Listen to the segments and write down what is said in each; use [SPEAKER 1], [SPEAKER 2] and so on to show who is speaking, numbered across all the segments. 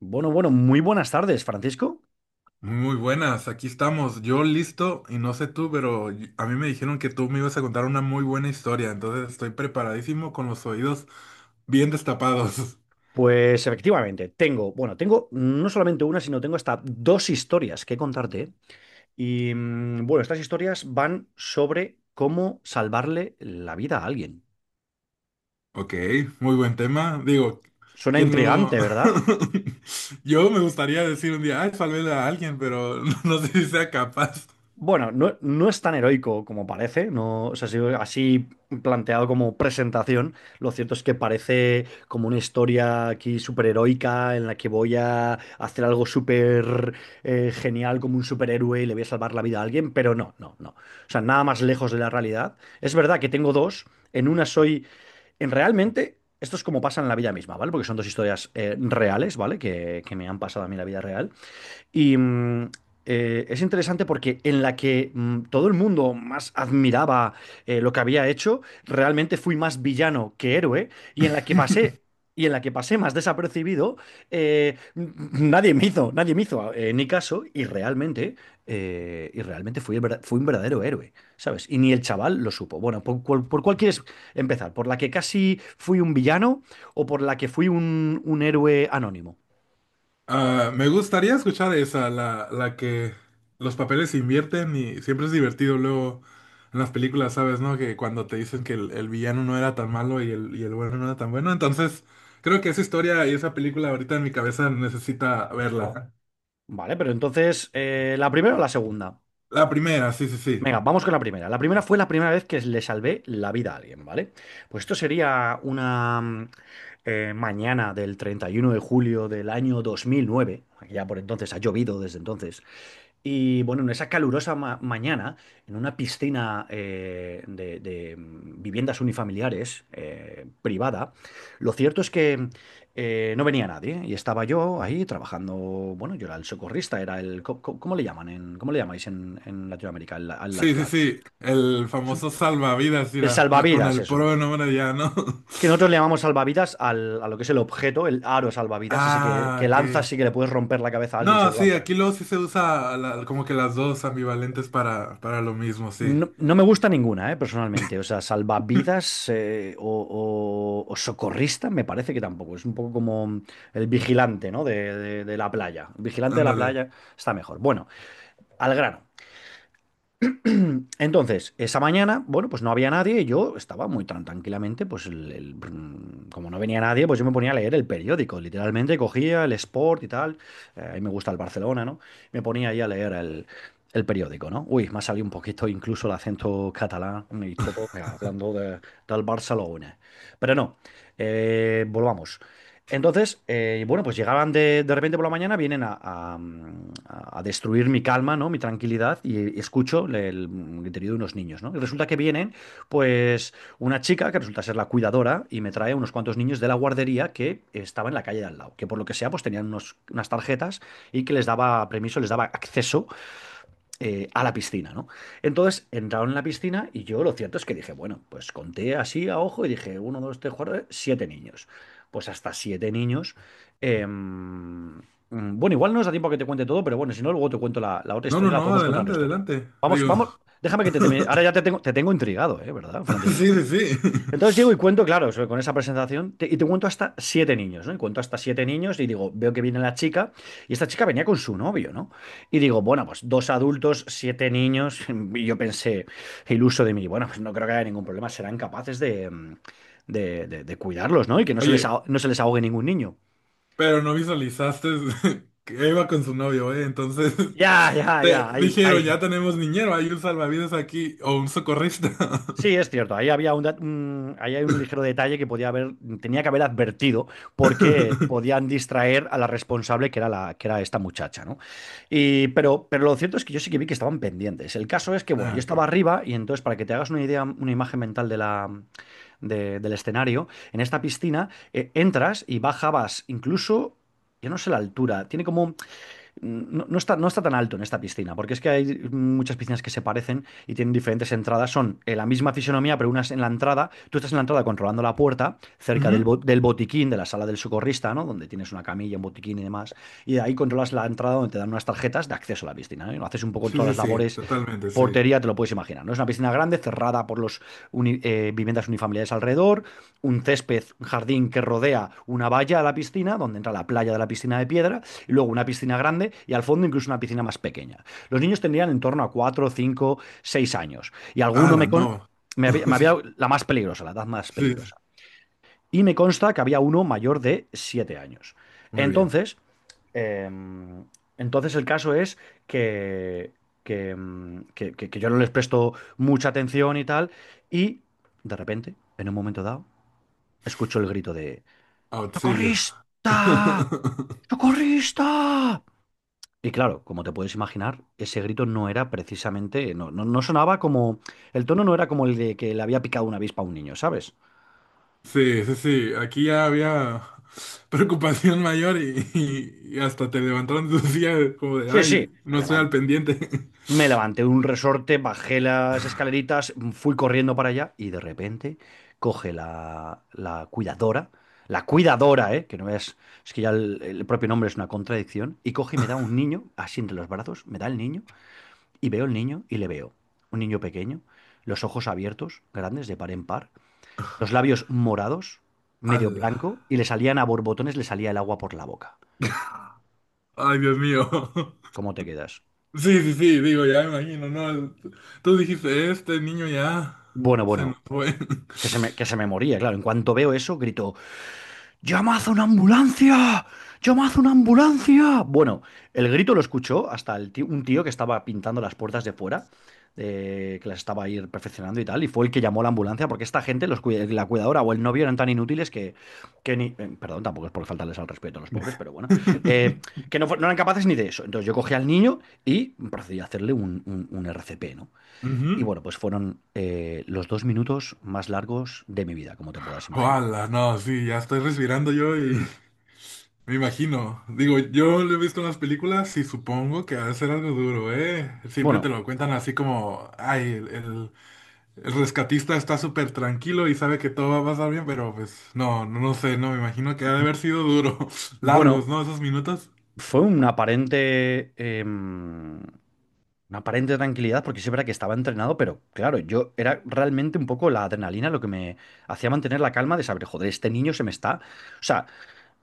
[SPEAKER 1] Bueno, bueno, muy buenas tardes, Francisco.
[SPEAKER 2] Muy buenas, aquí estamos. Yo listo y no sé tú, pero a mí me dijeron que tú me ibas a contar una muy buena historia, entonces estoy preparadísimo con los oídos bien destapados.
[SPEAKER 1] Pues efectivamente, bueno, tengo no solamente una, sino tengo hasta dos historias que contarte. ¿Eh? Y bueno, estas historias van sobre cómo salvarle la vida a alguien.
[SPEAKER 2] Ok, muy buen tema. Digo,
[SPEAKER 1] Suena
[SPEAKER 2] ¿quién lo...?
[SPEAKER 1] intrigante, ¿verdad?
[SPEAKER 2] Yo me gustaría decir un día, ay, salvé a alguien, pero no sé si sea capaz.
[SPEAKER 1] Bueno, no, no es tan heroico como parece, no, o sea, así planteado como presentación, lo cierto es que parece como una historia aquí súper heroica en la que voy a hacer algo súper genial como un superhéroe y le voy a salvar la vida a alguien, pero no, no, no. O sea, nada más lejos de la realidad. Es verdad que tengo dos, en una soy, en realmente, esto es como pasa en la vida misma, ¿vale? Porque son dos historias reales, ¿vale? Que me han pasado a mí en la vida real. Y es interesante porque en la que todo el mundo más admiraba lo que había hecho, realmente fui más villano que héroe, y en la que pasé. Y en la que pasé más desapercibido, nadie me hizo, ni caso, y realmente, fui, fui un verdadero héroe, ¿sabes? Y ni el chaval lo supo. Bueno, ¿por cuál quieres empezar? ¿Por la que casi fui un villano o por la que fui un héroe anónimo?
[SPEAKER 2] Ah, me gustaría escuchar esa, la que los papeles se invierten y siempre es divertido luego en las películas, ¿sabes, no? Que cuando te dicen que el villano no era tan malo y el bueno no era tan bueno. Entonces, creo que esa historia y esa película ahorita en mi cabeza necesita verla.
[SPEAKER 1] Vale, pero entonces, ¿la primera o la segunda?
[SPEAKER 2] La primera, sí, sí, sí.
[SPEAKER 1] Venga, vamos con la primera. La primera fue la primera vez que le salvé la vida a alguien, ¿vale? Pues esto sería una mañana del 31 de julio del año 2009. Ya por entonces ha llovido desde entonces. Y bueno, en esa calurosa mañana, en una piscina de viviendas unifamiliares privada, lo cierto es que no venía nadie y estaba yo ahí trabajando. Bueno, yo era el socorrista, era el. Co- co- ¿Cómo le llamáis en Latinoamérica? Al
[SPEAKER 2] Sí, sí,
[SPEAKER 1] lifeguard.
[SPEAKER 2] sí. El
[SPEAKER 1] Es un-
[SPEAKER 2] famoso salvavidas,
[SPEAKER 1] El
[SPEAKER 2] mira, con
[SPEAKER 1] salvavidas,
[SPEAKER 2] el
[SPEAKER 1] eso.
[SPEAKER 2] pro nombre ya, ¿no?
[SPEAKER 1] Es que nosotros le llamamos salvavidas a lo que es el objeto, el aro salvavidas, ese
[SPEAKER 2] Ah,
[SPEAKER 1] que
[SPEAKER 2] ok.
[SPEAKER 1] lanzas y que le puedes romper la cabeza a alguien si
[SPEAKER 2] No,
[SPEAKER 1] lo
[SPEAKER 2] sí,
[SPEAKER 1] lanzas.
[SPEAKER 2] aquí luego sí se usa como que las dos ambivalentes para lo mismo, sí.
[SPEAKER 1] No, no me gusta ninguna, personalmente. O sea, salvavidas o socorrista me parece que tampoco. Es un poco como el vigilante, ¿no? De la playa. El vigilante de la
[SPEAKER 2] Ándale.
[SPEAKER 1] playa está mejor. Bueno, al grano. Entonces, esa mañana, bueno, pues no había nadie y yo estaba muy tan tranquilamente, pues como no venía nadie, pues yo me ponía a leer el periódico, literalmente cogía el Sport y tal, a mí me gusta el Barcelona, ¿no? Me ponía ahí a leer el periódico, ¿no? Uy, me ha salido un poquito incluso el acento catalán y todo, hablando del Barcelona. Pero no, volvamos. Entonces, bueno, pues llegaban de repente por la mañana, vienen a destruir mi calma, ¿no? Mi tranquilidad y escucho el griterío de unos niños, ¿no? Y resulta que vienen, pues, una chica que resulta ser la cuidadora y me trae unos cuantos niños de la guardería que estaba en la calle de al lado, que por lo que sea, pues tenían unas tarjetas y que les daba permiso, les daba acceso a la piscina, ¿no? Entonces entraron en la piscina y yo lo cierto es que dije, bueno, pues conté así a ojo y dije, uno, dos, tres, cuatro, siete niños. Pues hasta siete niños. em, bueno, igual no nos da tiempo a que te cuente todo, pero bueno, si no, luego te cuento la otra
[SPEAKER 2] No, no,
[SPEAKER 1] historia, la
[SPEAKER 2] no,
[SPEAKER 1] podemos contar otra
[SPEAKER 2] adelante,
[SPEAKER 1] historia.
[SPEAKER 2] adelante.
[SPEAKER 1] Vamos,
[SPEAKER 2] Digo,
[SPEAKER 1] vamos, déjame que te termine. Ahora ya te tengo intrigado, ¿eh? ¿Verdad, Francisco?
[SPEAKER 2] sí, sí, sí.
[SPEAKER 1] Entonces llego y cuento, claro, con esa presentación, y te cuento hasta siete niños, ¿no? Y cuento hasta siete niños y digo, veo que viene la chica, y esta chica venía con su novio, ¿no? Y digo, bueno, pues dos adultos, siete niños, y yo pensé, iluso de mí, bueno, pues no creo que haya ningún problema, serán capaces de, de cuidarlos, ¿no? Y que no se les,
[SPEAKER 2] Oye,
[SPEAKER 1] aho- no se les ahogue ningún niño.
[SPEAKER 2] pero no visualizaste que iba con su novio, ¿eh? Entonces,
[SPEAKER 1] Ya, ya, ya,
[SPEAKER 2] te
[SPEAKER 1] ahí,
[SPEAKER 2] dijeron,
[SPEAKER 1] ahí.
[SPEAKER 2] ya tenemos niñero, hay un salvavidas aquí o un socorrista.
[SPEAKER 1] Sí, es cierto. Ahí había ahí hay un ligero detalle que tenía que haber advertido, porque podían distraer a la responsable que era esta muchacha, ¿no? Pero lo cierto es que yo sí que vi que estaban pendientes. El caso es que, bueno, yo
[SPEAKER 2] Ah,
[SPEAKER 1] estaba
[SPEAKER 2] qué...
[SPEAKER 1] arriba y entonces, para que te hagas una idea, una imagen mental del escenario, en esta piscina entras y bajabas incluso, yo no sé la altura, tiene como no, no está tan alto en esta piscina, porque es que hay muchas piscinas que se parecen y tienen diferentes entradas. Son la misma fisonomía, pero unas en la entrada. Tú estás en la entrada controlando la puerta, cerca
[SPEAKER 2] Ujú.
[SPEAKER 1] del botiquín, de la sala del socorrista, ¿no? Donde tienes una camilla, un botiquín y demás. Y de ahí controlas la entrada donde te dan unas tarjetas de acceso a la piscina, ¿no? Y haces un poco
[SPEAKER 2] Sí,
[SPEAKER 1] todas
[SPEAKER 2] sí,
[SPEAKER 1] las
[SPEAKER 2] sí,
[SPEAKER 1] labores de
[SPEAKER 2] totalmente, sí.
[SPEAKER 1] portería, te lo puedes imaginar, ¿no? Es una piscina grande, cerrada por los viviendas unifamiliares alrededor, un césped, un jardín que rodea una valla a la piscina, donde entra la playa de la piscina de piedra, y luego una piscina grande y al fondo incluso una piscina más pequeña. Los niños tendrían en torno a 4 5 6 años y alguno
[SPEAKER 2] Ala,
[SPEAKER 1] me,
[SPEAKER 2] no. Sí,
[SPEAKER 1] la más peligrosa, la edad más
[SPEAKER 2] sí,
[SPEAKER 1] peligrosa. Y me consta que había uno mayor de 7 años.
[SPEAKER 2] muy bien.
[SPEAKER 1] Entonces, em, el caso es que, que yo no les presto mucha atención y tal y de repente, en un momento dado, escucho el grito de
[SPEAKER 2] ¡Auxilio!
[SPEAKER 1] ¡Socorrista! ¡Socorrista! Y claro, como te puedes imaginar, ese grito no era precisamente, no, no, no sonaba como, el tono no era como el de que le había picado una avispa a un niño, ¿sabes?
[SPEAKER 2] Sí, sí, sí, aquí ya había preocupación mayor y, y hasta te levantaron de tu silla como de,
[SPEAKER 1] Sí, sí,
[SPEAKER 2] ay,
[SPEAKER 1] me
[SPEAKER 2] no estoy
[SPEAKER 1] levanté,
[SPEAKER 2] al pendiente.
[SPEAKER 1] me levanté de un resorte, bajé las escaleritas, fui corriendo para allá y de repente coge la cuidadora, ¿eh? Que no es, es que ya el propio nombre es una contradicción, y coge y me da un niño, así entre los brazos, me da el niño y veo el niño y le veo, un niño pequeño, los ojos abiertos, grandes, de par en par los labios morados, medio
[SPEAKER 2] Ala.
[SPEAKER 1] blanco, y le salían a borbotones, le salía el agua por la boca.
[SPEAKER 2] Ay, Dios mío.
[SPEAKER 1] ¿Cómo te quedas?
[SPEAKER 2] Sí, sí, sí, digo, ya me imagino, ¿no? Tú dijiste, este niño ya
[SPEAKER 1] Bueno,
[SPEAKER 2] se nos
[SPEAKER 1] bueno,
[SPEAKER 2] fue.
[SPEAKER 1] que se me moría, claro. En cuanto veo eso, grito, ¡Llamad a una ambulancia! ¡Llamad a una ambulancia! Bueno, el grito lo escuchó hasta un tío que estaba pintando las puertas de fuera, que las estaba ahí perfeccionando y tal, y fue el que llamó a la ambulancia, porque esta gente, la cuidadora o el novio eran tan inútiles que ni... perdón, tampoco es por faltarles al respeto a los pobres, pero bueno, eh, que no, no eran capaces ni de eso. Entonces yo cogí al niño y procedí a hacerle un RCP, ¿no? Y
[SPEAKER 2] Ujú.
[SPEAKER 1] bueno, pues fueron los 2 minutos más largos de mi vida, como te puedas imaginar.
[SPEAKER 2] Ala, no, sí, ya estoy respirando yo y... Me imagino. Digo, yo lo he visto en las películas y supongo que ha de ser algo duro, ¿eh? Siempre te
[SPEAKER 1] Bueno.
[SPEAKER 2] lo cuentan así como, ay, el rescatista está súper tranquilo y sabe que todo va a pasar bien, pero pues no, no, no sé, no, me imagino que ha de haber sido duro.
[SPEAKER 1] Bueno,
[SPEAKER 2] Largos, ¿no? Esos minutos.
[SPEAKER 1] fue una aparente, una aparente tranquilidad, porque sí es verdad que estaba entrenado, pero claro, yo era realmente un poco la adrenalina lo que me hacía mantener la calma de saber, joder, este niño se me está. O sea,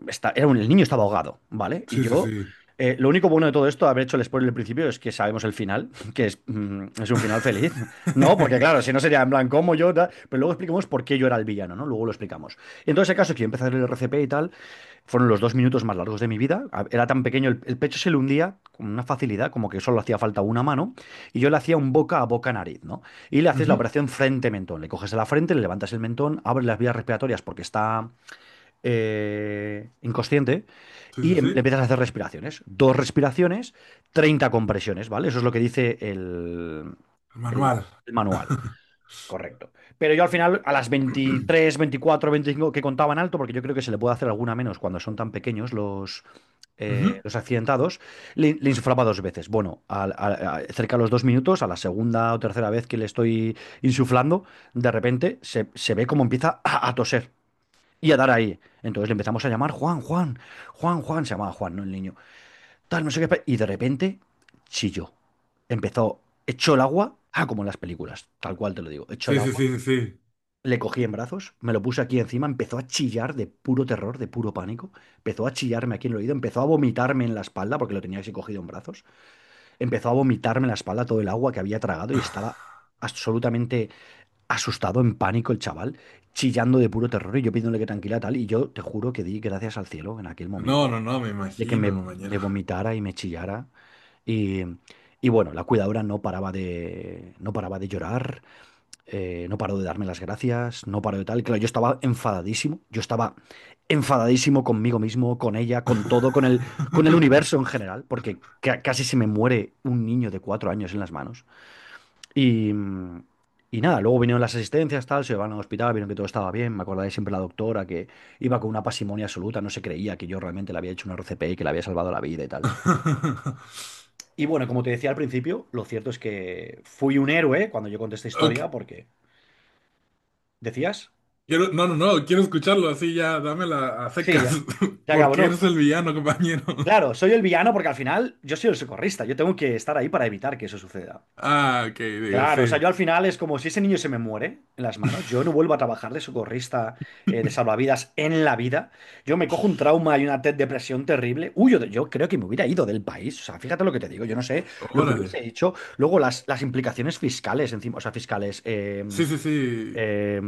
[SPEAKER 1] El niño estaba ahogado, ¿vale? Y
[SPEAKER 2] Sí, sí,
[SPEAKER 1] yo,
[SPEAKER 2] sí.
[SPEAKER 1] lo único bueno de todo esto, haber hecho el spoiler al principio, es que sabemos el final, que es, es un final feliz, ¿no? Porque claro, si no sería en plan, ¿cómo yo? Tal? Pero luego explicamos por qué yo era el villano, ¿no? Luego lo explicamos. Entonces, el caso es que yo empecé a leer el RCP y tal, fueron los 2 minutos más largos de mi vida. Era tan pequeño, el pecho se le hundía con una facilidad, como que solo hacía falta una mano, y yo le hacía un boca a boca nariz, ¿no? Y le haces la
[SPEAKER 2] Ujú,
[SPEAKER 1] operación frente-mentón. Le coges a la frente, le levantas el mentón, abres las vías respiratorias porque está inconsciente
[SPEAKER 2] sí, sí,
[SPEAKER 1] y le
[SPEAKER 2] sí.
[SPEAKER 1] empiezas a hacer respiraciones. Dos respiraciones, 30 compresiones, ¿vale? Eso es lo que dice
[SPEAKER 2] El
[SPEAKER 1] el-
[SPEAKER 2] manual.
[SPEAKER 1] el manual. Correcto. Pero yo al final, a las 23, 24, 25 que contaban alto, porque yo creo que se le puede hacer alguna menos cuando son tan pequeños
[SPEAKER 2] Ujú,
[SPEAKER 1] los accidentados, le insuflaba dos veces. Bueno, cerca de los 2 minutos, a la segunda o tercera vez que le estoy insuflando, de repente se ve cómo empieza a toser y a dar ahí. Entonces le empezamos a llamar Juan, Juan, Juan, Juan, se llamaba Juan, ¿no? El niño. Tal, no sé qué. Y de repente chilló. Empezó, echó el agua, ah, como en las películas, tal cual te lo digo, echó el
[SPEAKER 2] sí, sí,
[SPEAKER 1] agua.
[SPEAKER 2] sí, sí, sí.
[SPEAKER 1] Le cogí en brazos, me lo puse aquí encima, empezó a chillar de puro terror, de puro pánico. Empezó a chillarme aquí en el oído, empezó a vomitarme en la espalda, porque lo tenía así cogido en brazos. Empezó a vomitarme en la espalda todo el agua que había tragado y estaba absolutamente asustado, en pánico el chaval, chillando de puro terror y yo pidiéndole que tranquila tal. Y yo te juro que di gracias al cielo en aquel
[SPEAKER 2] No,
[SPEAKER 1] momento
[SPEAKER 2] no, no, me
[SPEAKER 1] de
[SPEAKER 2] imagino, compañero.
[SPEAKER 1] me vomitara y me chillara. Y, y bueno, la cuidadora no paraba de llorar, no paró de darme las gracias, no paró de tal. Claro, yo estaba enfadadísimo conmigo mismo, con ella, con todo, con el universo en general, porque casi se me muere un niño de 4 años en las manos. Y, mm, y nada, luego vinieron las asistencias, tal, se llevaron al hospital, vieron que todo estaba bien. Me acordaré siempre de la doctora que iba con una pasimonia absoluta, no se creía que yo realmente le había hecho una RCP y que le había salvado la vida y tal. Y bueno, como te decía al principio, lo cierto es que fui un héroe cuando yo conté esta historia,
[SPEAKER 2] Ok,
[SPEAKER 1] porque. ¿Decías?
[SPEAKER 2] quiero, no, no, no, quiero escucharlo así ya, dámela a
[SPEAKER 1] Sí,
[SPEAKER 2] secas,
[SPEAKER 1] ya, ya acabo,
[SPEAKER 2] porque
[SPEAKER 1] no.
[SPEAKER 2] eres el villano, compañero.
[SPEAKER 1] Claro, soy el villano porque al final yo soy el socorrista, yo tengo que estar ahí para evitar que eso suceda.
[SPEAKER 2] Ah, ok, digo,
[SPEAKER 1] Claro, o sea,
[SPEAKER 2] sí.
[SPEAKER 1] yo al final es como si ese niño se me muere en las manos, yo no vuelvo a trabajar de socorrista, de salvavidas en la vida, yo me cojo un trauma y una depresión terrible, yo creo que me hubiera ido del país, o sea, fíjate lo que te digo, yo no sé lo que
[SPEAKER 2] Órale.
[SPEAKER 1] hubiese hecho, luego las implicaciones fiscales encima, o sea,
[SPEAKER 2] Sí, sí, sí.
[SPEAKER 1] eh,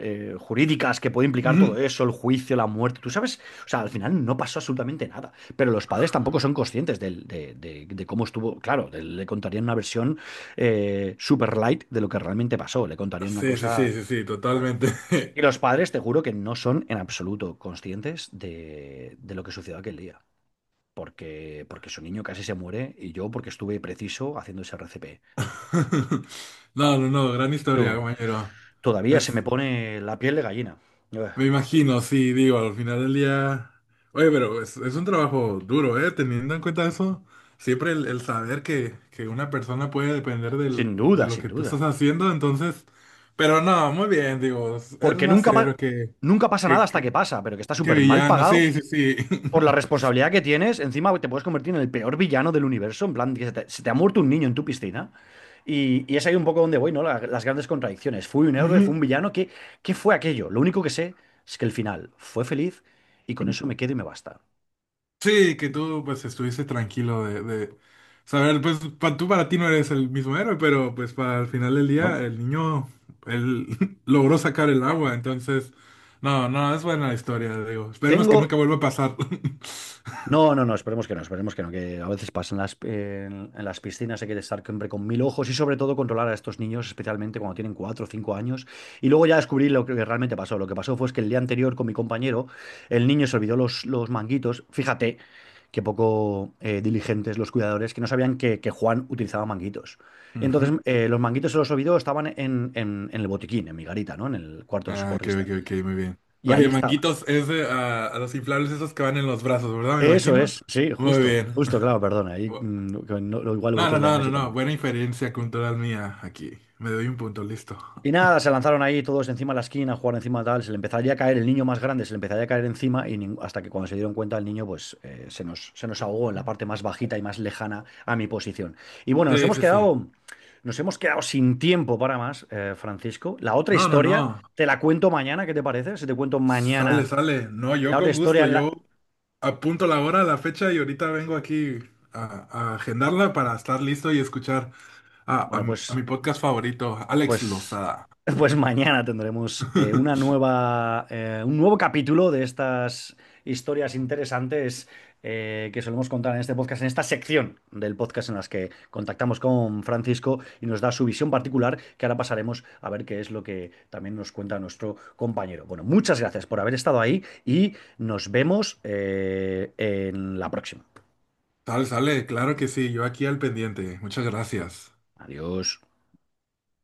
[SPEAKER 1] jurídicas que puede implicar todo
[SPEAKER 2] Ujú.
[SPEAKER 1] eso, el juicio, la muerte, tú sabes, o sea, al final no pasó absolutamente nada, pero los padres tampoco son conscientes de cómo estuvo, claro, le contarían una versión super light de lo que realmente pasó, le contarían una
[SPEAKER 2] Sí, sí,
[SPEAKER 1] cosa.
[SPEAKER 2] sí, sí, sí, totalmente.
[SPEAKER 1] Y los padres, te juro que no son en absoluto conscientes de lo que sucedió aquel día. Porque, porque su niño casi se muere y yo porque estuve preciso haciendo ese RCP.
[SPEAKER 2] No, no, no, gran historia,
[SPEAKER 1] Tú,
[SPEAKER 2] compañero.
[SPEAKER 1] todavía se
[SPEAKER 2] Es,
[SPEAKER 1] me pone la piel de gallina.
[SPEAKER 2] me imagino, sí, digo, al final del día. Oye, pero es un trabajo duro, ¿eh? Teniendo en cuenta eso, siempre el saber que una persona puede depender del,
[SPEAKER 1] Sin
[SPEAKER 2] de
[SPEAKER 1] duda,
[SPEAKER 2] lo
[SPEAKER 1] sin
[SPEAKER 2] que tú estás
[SPEAKER 1] duda.
[SPEAKER 2] haciendo, entonces. Pero no, muy bien, digo, eres
[SPEAKER 1] Porque
[SPEAKER 2] más héroe
[SPEAKER 1] nunca pasa nada
[SPEAKER 2] que,
[SPEAKER 1] hasta que
[SPEAKER 2] que,
[SPEAKER 1] pasa, pero que está
[SPEAKER 2] que
[SPEAKER 1] súper mal
[SPEAKER 2] villano,
[SPEAKER 1] pagado
[SPEAKER 2] sí, sí, sí.
[SPEAKER 1] por la responsabilidad que tienes. Encima te puedes convertir en el peor villano del universo, en plan, que se se te ha muerto un niño en tu piscina. Y es ahí un poco donde voy, ¿no? Las grandes contradicciones. Fui un héroe, fui
[SPEAKER 2] Ujú.
[SPEAKER 1] un villano. ¿Qué, qué fue aquello? Lo único que sé es que el final fue feliz y con eso me quedo y me basta.
[SPEAKER 2] Sí, que tú pues estuviste tranquilo de saber, pues tú para ti no eres el mismo héroe, pero pues para el final del
[SPEAKER 1] ¿No?
[SPEAKER 2] día el niño, él logró sacar el agua, entonces, no, no, es buena la historia, digo, esperemos que
[SPEAKER 1] Tengo.
[SPEAKER 2] nunca vuelva a pasar.
[SPEAKER 1] No, no, no, esperemos que no, esperemos que no, que a veces pasan en las piscinas, hay que estar siempre con mil ojos y sobre todo controlar a estos niños, especialmente cuando tienen 4 o 5 años. Y luego ya descubrí lo que realmente pasó. Lo que pasó fue es que el día anterior con mi compañero, el niño se olvidó los manguitos. Fíjate qué poco diligentes los cuidadores que no sabían que Juan utilizaba manguitos. Y entonces
[SPEAKER 2] Ujú.
[SPEAKER 1] los manguitos se los olvidó, estaban en el botiquín, en mi garita, ¿no? En el cuarto del
[SPEAKER 2] Ah, ok, ok,
[SPEAKER 1] socorrista.
[SPEAKER 2] ok, muy bien.
[SPEAKER 1] Y
[SPEAKER 2] Oye,
[SPEAKER 1] ahí estaban.
[SPEAKER 2] manguitos, es de, ah, a los inflables esos que van en los brazos, ¿verdad? Me
[SPEAKER 1] Eso
[SPEAKER 2] imagino.
[SPEAKER 1] es, sí,
[SPEAKER 2] Muy
[SPEAKER 1] justo,
[SPEAKER 2] bien.
[SPEAKER 1] justo, claro, perdona. Ahí, mm, que no- igual
[SPEAKER 2] No, no,
[SPEAKER 1] vosotros le
[SPEAKER 2] no,
[SPEAKER 1] llamáis
[SPEAKER 2] no,
[SPEAKER 1] de otra
[SPEAKER 2] no,
[SPEAKER 1] manera.
[SPEAKER 2] buena inferencia cultural mía aquí, me doy un punto, listo.
[SPEAKER 1] Y nada, se lanzaron ahí todos encima de la esquina, a jugar encima tal, se le empezaría a caer, el niño más grande se le empezaría a caer encima y hasta que cuando se dieron cuenta el niño pues se nos ahogó en la parte más bajita y más lejana a mi posición. Y bueno,
[SPEAKER 2] Sí, sí, sí.
[SPEAKER 1] nos hemos quedado sin tiempo para más, Francisco. La otra
[SPEAKER 2] No, no,
[SPEAKER 1] historia,
[SPEAKER 2] no.
[SPEAKER 1] te la cuento mañana, ¿qué te parece? Si te cuento mañana
[SPEAKER 2] Sale, sale. No, yo
[SPEAKER 1] la otra
[SPEAKER 2] con
[SPEAKER 1] historia
[SPEAKER 2] gusto.
[SPEAKER 1] en la...
[SPEAKER 2] Yo apunto la hora, la fecha y ahorita vengo aquí a, agendarla para estar listo y escuchar a,
[SPEAKER 1] Bueno,
[SPEAKER 2] a
[SPEAKER 1] pues...
[SPEAKER 2] mi podcast favorito, Alex
[SPEAKER 1] Pues,
[SPEAKER 2] Lozada.
[SPEAKER 1] pues mañana tendremos un nuevo capítulo de estas historias interesantes que solemos contar en este podcast, en esta sección del podcast en las que contactamos con Francisco y nos da su visión particular, que ahora pasaremos a ver qué es lo que también nos cuenta nuestro compañero. Bueno, muchas gracias por haber estado ahí y nos vemos en la próxima.
[SPEAKER 2] Sale, sale. Claro que sí. Yo aquí al pendiente. Muchas gracias.
[SPEAKER 1] Adiós.